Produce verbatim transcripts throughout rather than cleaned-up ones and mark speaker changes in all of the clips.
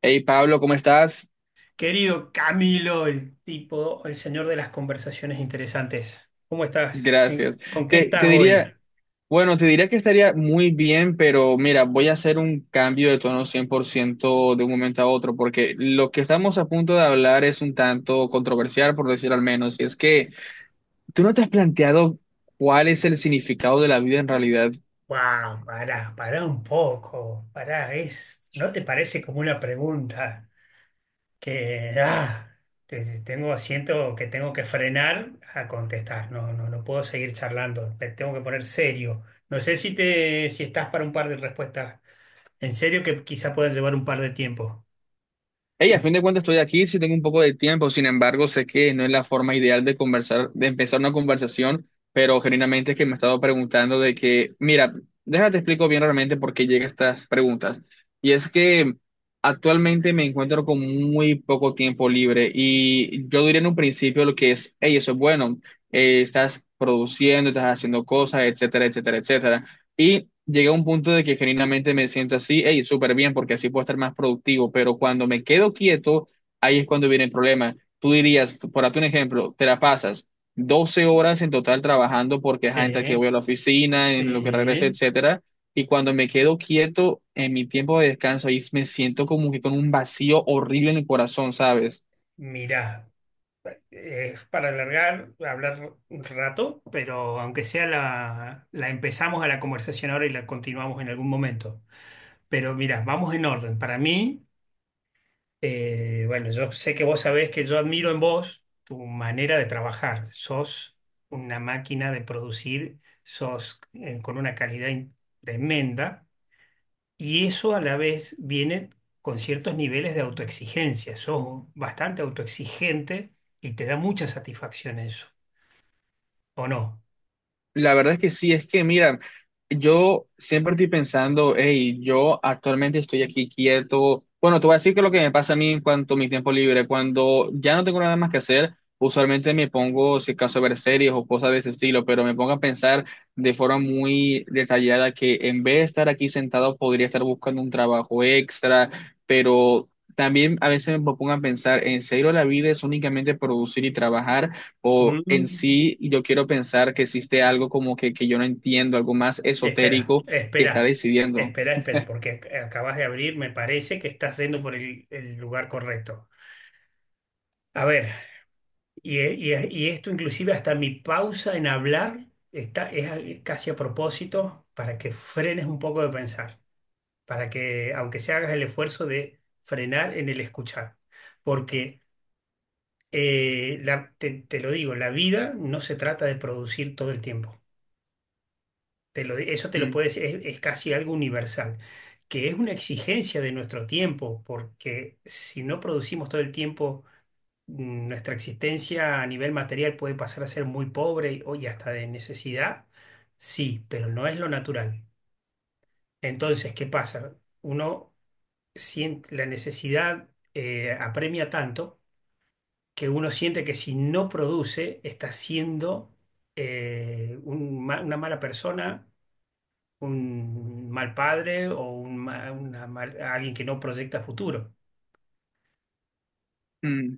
Speaker 1: Hey Pablo, ¿cómo estás?
Speaker 2: Querido Camilo, el tipo, el señor de las conversaciones interesantes. ¿Cómo estás? ¿En-
Speaker 1: Gracias.
Speaker 2: ¿Con qué
Speaker 1: Te, te
Speaker 2: estás hoy?
Speaker 1: diría, bueno, te diría que estaría muy bien, pero mira, voy a hacer un cambio de tono cien por ciento de un momento a otro, porque lo que estamos a punto de hablar es un tanto controversial, por decir al menos, y es que tú no te has planteado cuál es el significado de la vida en realidad.
Speaker 2: Wow, pará, pará un poco, pará, es, ¿no te parece como una pregunta que ah, te- tengo, siento que tengo que frenar a contestar. No, no, no puedo seguir charlando, me tengo que poner serio. No sé si te, si estás para un par de respuestas en serio que quizá puedan llevar un par de tiempo.
Speaker 1: Hey, a fin de cuentas estoy aquí, sí tengo un poco de tiempo, sin embargo, sé que no es la forma ideal de conversar, de empezar una conversación, pero genuinamente es que me he estado preguntando de que, mira, déjate explico bien realmente por qué llegan estas preguntas. Y es que actualmente me encuentro con muy poco tiempo libre y yo diría en un principio lo que es, hey, eso es bueno, eh, estás produciendo, estás haciendo cosas, etcétera, etcétera, etcétera. Y llegué a un punto de que genuinamente me siento así, hey, súper bien, porque así puedo estar más productivo, pero cuando me quedo quieto, ahí es cuando viene el problema. Tú dirías, por darte un ejemplo, te la pasas doce horas en total trabajando porque es entre que voy
Speaker 2: Sí,
Speaker 1: a la oficina, en lo que regreso,
Speaker 2: sí.
Speaker 1: etcétera, y cuando me quedo quieto en mi tiempo de descanso, ahí me siento como que con un vacío horrible en el corazón, ¿sabes?
Speaker 2: Mirá, eh, es para alargar, hablar un rato, pero aunque sea la, la empezamos a la conversación ahora y la continuamos en algún momento. Pero mira, vamos en orden. Para mí, eh, bueno, yo sé que vos sabés que yo admiro en vos tu manera de trabajar. Sos una máquina de producir, sos eh, con una calidad in- tremenda y eso a la vez viene con ciertos niveles de autoexigencia. Sos bastante autoexigente y te da mucha satisfacción eso. ¿O no?
Speaker 1: La verdad es que sí, es que mira, yo siempre estoy pensando, hey, yo actualmente estoy aquí quieto. Bueno, te voy a decir que lo que me pasa a mí en cuanto a mi tiempo libre, cuando ya no tengo nada más que hacer, usualmente me pongo, si acaso, a ver series o cosas de ese estilo, pero me pongo a pensar de forma muy detallada que en vez de estar aquí sentado, podría estar buscando un trabajo extra, pero también a veces me pongo a pensar, ¿en serio la vida es únicamente producir y trabajar? O en
Speaker 2: Mm.
Speaker 1: sí yo quiero pensar que existe algo como que, que yo no entiendo, algo más
Speaker 2: Espera,
Speaker 1: esotérico que está
Speaker 2: espera,
Speaker 1: decidiendo.
Speaker 2: espera, espera, porque ac- acabas de abrir, me parece que estás yendo por el, el lugar correcto. A ver, y, e- y e- y esto inclusive hasta mi pausa en hablar está, es, a- es casi a propósito para que frenes un poco de pensar, para que aunque se hagas el esfuerzo de frenar en el escuchar, porque eh, la- te, te lo digo, la vida no se trata de producir todo el tiempo. Te lo- eso te lo
Speaker 1: Mm,
Speaker 2: puedes, es, es casi algo universal, que es una exigencia de nuestro tiempo, porque si no producimos todo el tiempo, mm, nuestra existencia a nivel material puede pasar a ser muy pobre y- o y hasta de necesidad, sí, pero no es lo natural. Entonces, ¿qué pasa? Uno siente la necesidad, eh, apremia tanto que uno siente que si no produce, está siendo eh, un ma- una mala persona, un mal padre o un ma- una mal- alguien que no proyecta futuro.
Speaker 1: mm.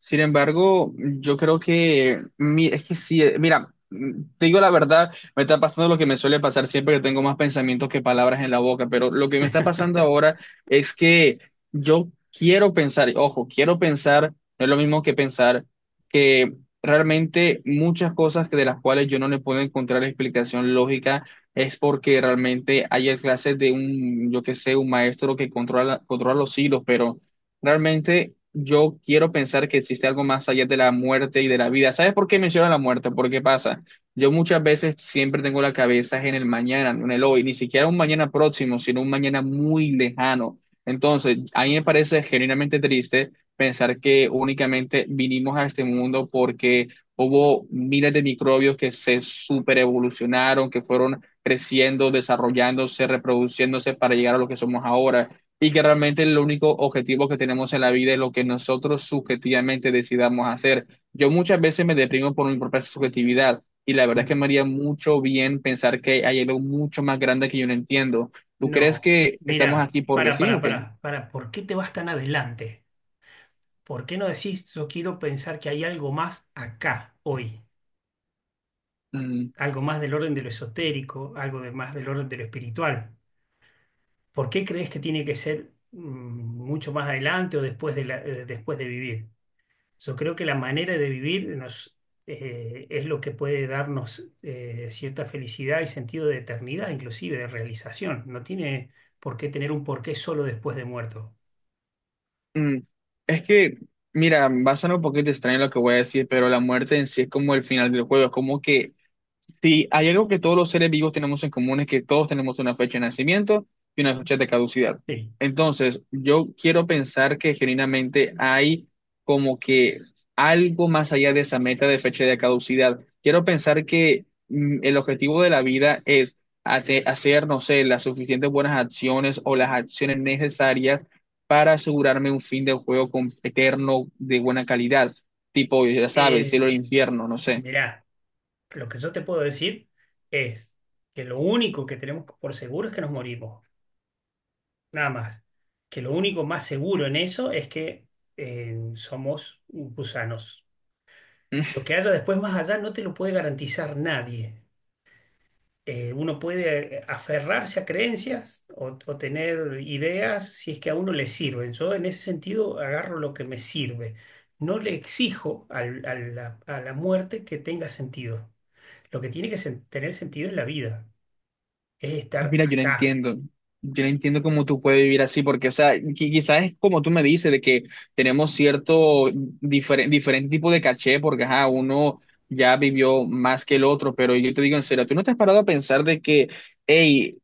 Speaker 1: Sin embargo, yo creo que, mi- es que sí, eh, mira, mm, te digo la verdad, me está pasando lo que me suele pasar siempre que tengo más pensamientos que palabras en la boca, pero lo que me está pasando ahora es que yo quiero pensar, y ojo, quiero pensar, no es lo mismo que pensar, que realmente muchas cosas que de las cuales yo no le puedo encontrar explicación lógica es porque realmente hay clases de un, yo qué sé, un maestro que controla, controla los hilos, pero... Realmente yo quiero pensar que existe algo más allá de la muerte y de la vida. ¿Sabes por qué menciono la muerte? ¿Por qué pasa? Yo muchas veces siempre tengo la cabeza en el mañana, no en el hoy, ni siquiera un mañana próximo, sino un mañana muy lejano. Entonces, a mí me parece genuinamente triste pensar que únicamente vinimos a este mundo porque hubo miles de microbios que se superevolucionaron, que fueron creciendo, desarrollándose, reproduciéndose para llegar a lo que somos ahora y que realmente el único objetivo que tenemos en la vida es lo que nosotros subjetivamente decidamos hacer. Yo muchas veces me deprimo por mi propia subjetividad y la verdad es que
Speaker 2: Mm.
Speaker 1: me haría mucho bien pensar que hay algo mucho más grande que yo no entiendo. ¿Tú crees
Speaker 2: No,
Speaker 1: que estamos
Speaker 2: mira,
Speaker 1: aquí porque
Speaker 2: para,
Speaker 1: sí
Speaker 2: para,
Speaker 1: o qué?
Speaker 2: para, para, ¿por qué te vas tan adelante? ¿Por qué no decís, yo quiero pensar que hay algo más acá, hoy?
Speaker 1: Mm,
Speaker 2: Algo más del orden de lo esotérico, algo de más del orden de lo espiritual. ¿Por qué crees que tiene que ser mm, mucho más adelante o después de la- eh, después de vivir? Yo creo que la manera de vivir nos, eh, es lo que puede darnos eh, cierta felicidad y sentido de eternidad, inclusive de realización. No tiene por qué tener un porqué solo después de muerto.
Speaker 1: mm. Es que, mira, va a sonar un poquito extraño lo que voy a decir, pero la muerte en sí es como el final del juego, es como que sí, hay algo que todos los seres vivos tenemos en común, es que todos tenemos una fecha de nacimiento y una fecha de caducidad.
Speaker 2: Sí.
Speaker 1: Entonces, yo quiero pensar que genuinamente hay como que algo más allá de esa meta de fecha de caducidad. Quiero pensar que mm, el objetivo de la vida es ate- hacer, no sé, las suficientes buenas acciones o las acciones necesarias para asegurarme un fin de juego con- eterno de buena calidad. Tipo, ya sabes, cielo e
Speaker 2: Eh,
Speaker 1: infierno, no sé.
Speaker 2: Mirá, lo que yo te puedo decir es que lo único que tenemos por seguro es que nos morimos, nada más. Que lo único más seguro en eso es que eh, somos gusanos. Lo que haya después más allá no te lo puede garantizar nadie. Eh, uno puede eh, aferrarse a creencias o, o tener ideas si es que a uno le sirven. Yo en ese sentido agarro lo que me sirve. No le exijo al- a la, a la muerte que tenga sentido. Lo que tiene que sen- tener sentido es la vida, es estar
Speaker 1: Mira, yo no
Speaker 2: acá.
Speaker 1: entiendo. Yo no entiendo cómo tú puedes vivir así, porque, o sea, qui- quizás es como tú me dices, de que tenemos cierto diferente, diferente tipo de caché, porque, ajá, uno ya vivió más que el otro, pero yo te digo en serio, ¿tú no te has parado a pensar de que, hey,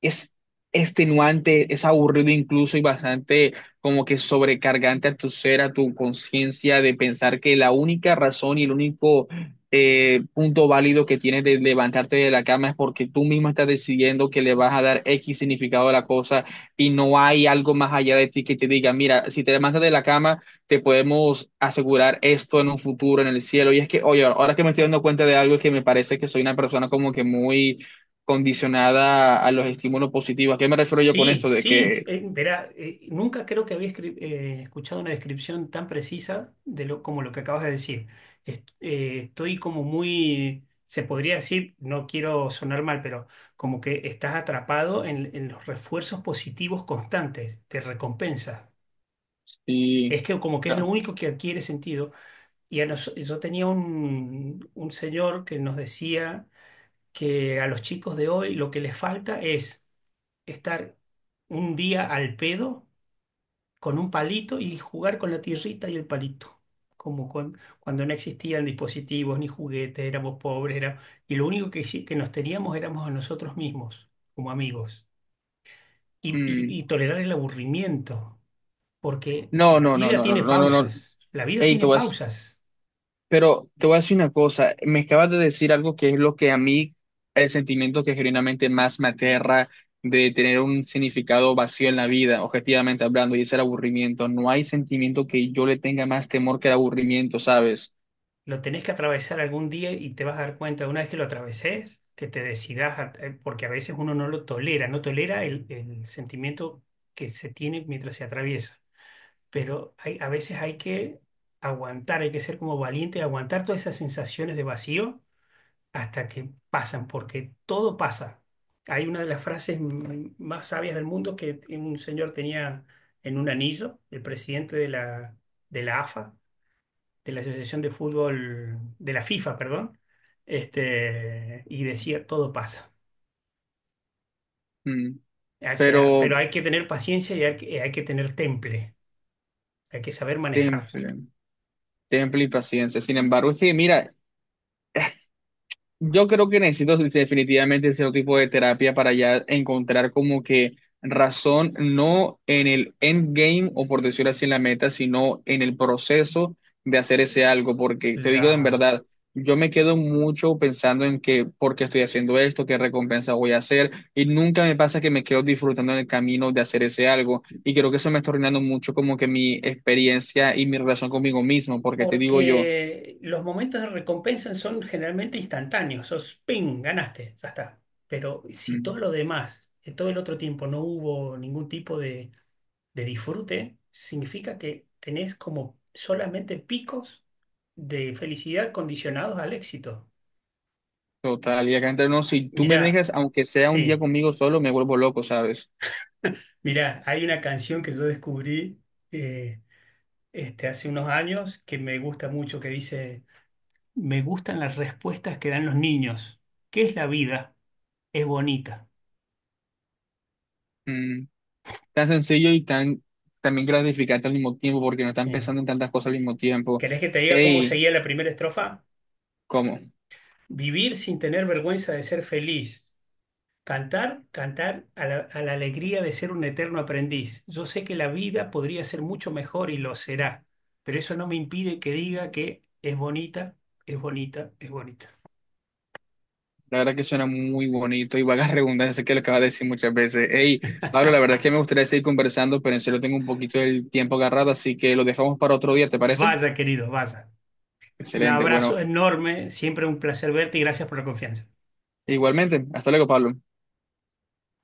Speaker 1: es extenuante, es aburrido incluso y bastante como que sobrecargante a tu ser, a tu conciencia, de pensar que la única razón y el único eh, punto válido que tienes de levantarte de la cama es porque tú mismo estás decidiendo que le vas a dar equis significado a la cosa y no hay algo más allá de ti que te diga, mira, si te levantas de la cama, te podemos asegurar esto en un futuro, en el cielo. Y es que, oye, ahora que me estoy dando cuenta de algo es que me parece que soy una persona como que muy condicionada a los estímulos positivos. ¿A qué me refiero yo con
Speaker 2: Sí,
Speaker 1: esto? De
Speaker 2: sí,
Speaker 1: que...
Speaker 2: eh, verá, eh, nunca creo que había escri- eh, escuchado una descripción tan precisa de lo, como lo que acabas de decir. Est- eh, estoy como muy, se podría decir, no quiero sonar mal, pero como que estás atrapado en, en los refuerzos positivos constantes de recompensa.
Speaker 1: Y,
Speaker 2: Es que como que es lo
Speaker 1: no,
Speaker 2: único que adquiere sentido. Y a nos- yo tenía un, un señor que nos decía que a los chicos de hoy lo que les falta es estar un día al pedo con un palito y jugar con la tierrita y el palito. Como con- cuando no existían dispositivos ni juguetes, éramos pobres, era, y lo único que, sí- que nos teníamos éramos a nosotros mismos, como amigos. Y,
Speaker 1: mm,
Speaker 2: y- y tolerar el aburrimiento, porque
Speaker 1: no,
Speaker 2: la
Speaker 1: no, no,
Speaker 2: vida
Speaker 1: no, no,
Speaker 2: tiene
Speaker 1: no, no. No.
Speaker 2: pausas, la vida
Speaker 1: Ey, te
Speaker 2: tiene
Speaker 1: voy a-
Speaker 2: pausas.
Speaker 1: pero te voy a decir una cosa, me acabas de decir algo que es lo que a mí, el sentimiento que genuinamente más me aterra de tener un significado vacío en la vida, objetivamente hablando, y es el aburrimiento. No hay sentimiento que yo le tenga más temor que el aburrimiento, ¿sabes?
Speaker 2: Lo tenés que atravesar algún día y te vas a dar cuenta, una vez que lo atraveses, que te decidas, a- eh, porque a veces uno no lo tolera, no tolera el el sentimiento que se tiene mientras se atraviesa. Pero hay, a veces hay que aguantar, hay que ser como valiente y aguantar todas esas sensaciones de vacío hasta que pasan, porque todo pasa. Hay una de las frases m- más sabias del mundo que un señor tenía en un anillo, el presidente de la, de la A F A, de la Asociación de Fútbol, de la FIFA, perdón, este, y decía, todo pasa.
Speaker 1: Mm.
Speaker 2: O sea,
Speaker 1: Pero
Speaker 2: pero hay que tener paciencia y hay que, hay que tener temple, hay que saber manejar
Speaker 1: temple, temple y paciencia. Sin embargo, es que mira, yo creo que necesito definitivamente cierto tipo de terapia para ya encontrar como que razón, no en el endgame o por decirlo así en la meta, sino en el proceso de hacer ese algo, porque te digo en verdad, yo me quedo mucho pensando en que por qué estoy haciendo esto, qué recompensa voy a hacer, y nunca me pasa que me quedo disfrutando en el camino de hacer ese algo, y creo que eso me está arruinando mucho como que mi experiencia y mi relación conmigo mismo, porque te digo yo.
Speaker 2: porque los momentos de recompensa son generalmente instantáneos, sos ping, ganaste, ya está. Pero si todo
Speaker 1: Mm.
Speaker 2: lo demás, en todo el otro tiempo no hubo ningún tipo de, de disfrute, significa que tenés como solamente picos de felicidad condicionados al éxito.
Speaker 1: Total, y acá entre nos, si tú me
Speaker 2: Mirá,
Speaker 1: dejas, aunque sea un día
Speaker 2: sí,
Speaker 1: conmigo solo, me vuelvo loco, ¿sabes?
Speaker 2: mirá, hay una canción que yo descubrí eh, este, hace unos años que me gusta mucho, que dice, me gustan las respuestas que dan los niños. ¿Qué es la vida? Es bonita.
Speaker 1: Mm, tan sencillo y tan también gratificante al mismo tiempo, porque no están
Speaker 2: Sí.
Speaker 1: pensando en tantas cosas al mismo tiempo.
Speaker 2: ¿Querés que te diga cómo
Speaker 1: Ey,
Speaker 2: seguía la primera estrofa?
Speaker 1: ¿cómo?
Speaker 2: Vivir sin tener vergüenza de ser feliz. Cantar, cantar a la, a la alegría de ser un eterno aprendiz. Yo sé que la vida podría ser mucho mejor y lo será, pero eso no me impide que diga que es bonita, es bonita, es bonita.
Speaker 1: La verdad que suena muy bonito y vagas redundancias sé que lo acabas de decir muchas veces. Ey, Pablo, la verdad es que me gustaría seguir conversando, pero en serio tengo un poquito del tiempo agarrado, así que lo dejamos para otro día, ¿te parece?
Speaker 2: Vaya, querido, vaya. Un
Speaker 1: Excelente, bueno,
Speaker 2: abrazo enorme, siempre un placer verte y gracias por la confianza.
Speaker 1: igualmente, hasta luego, Pablo.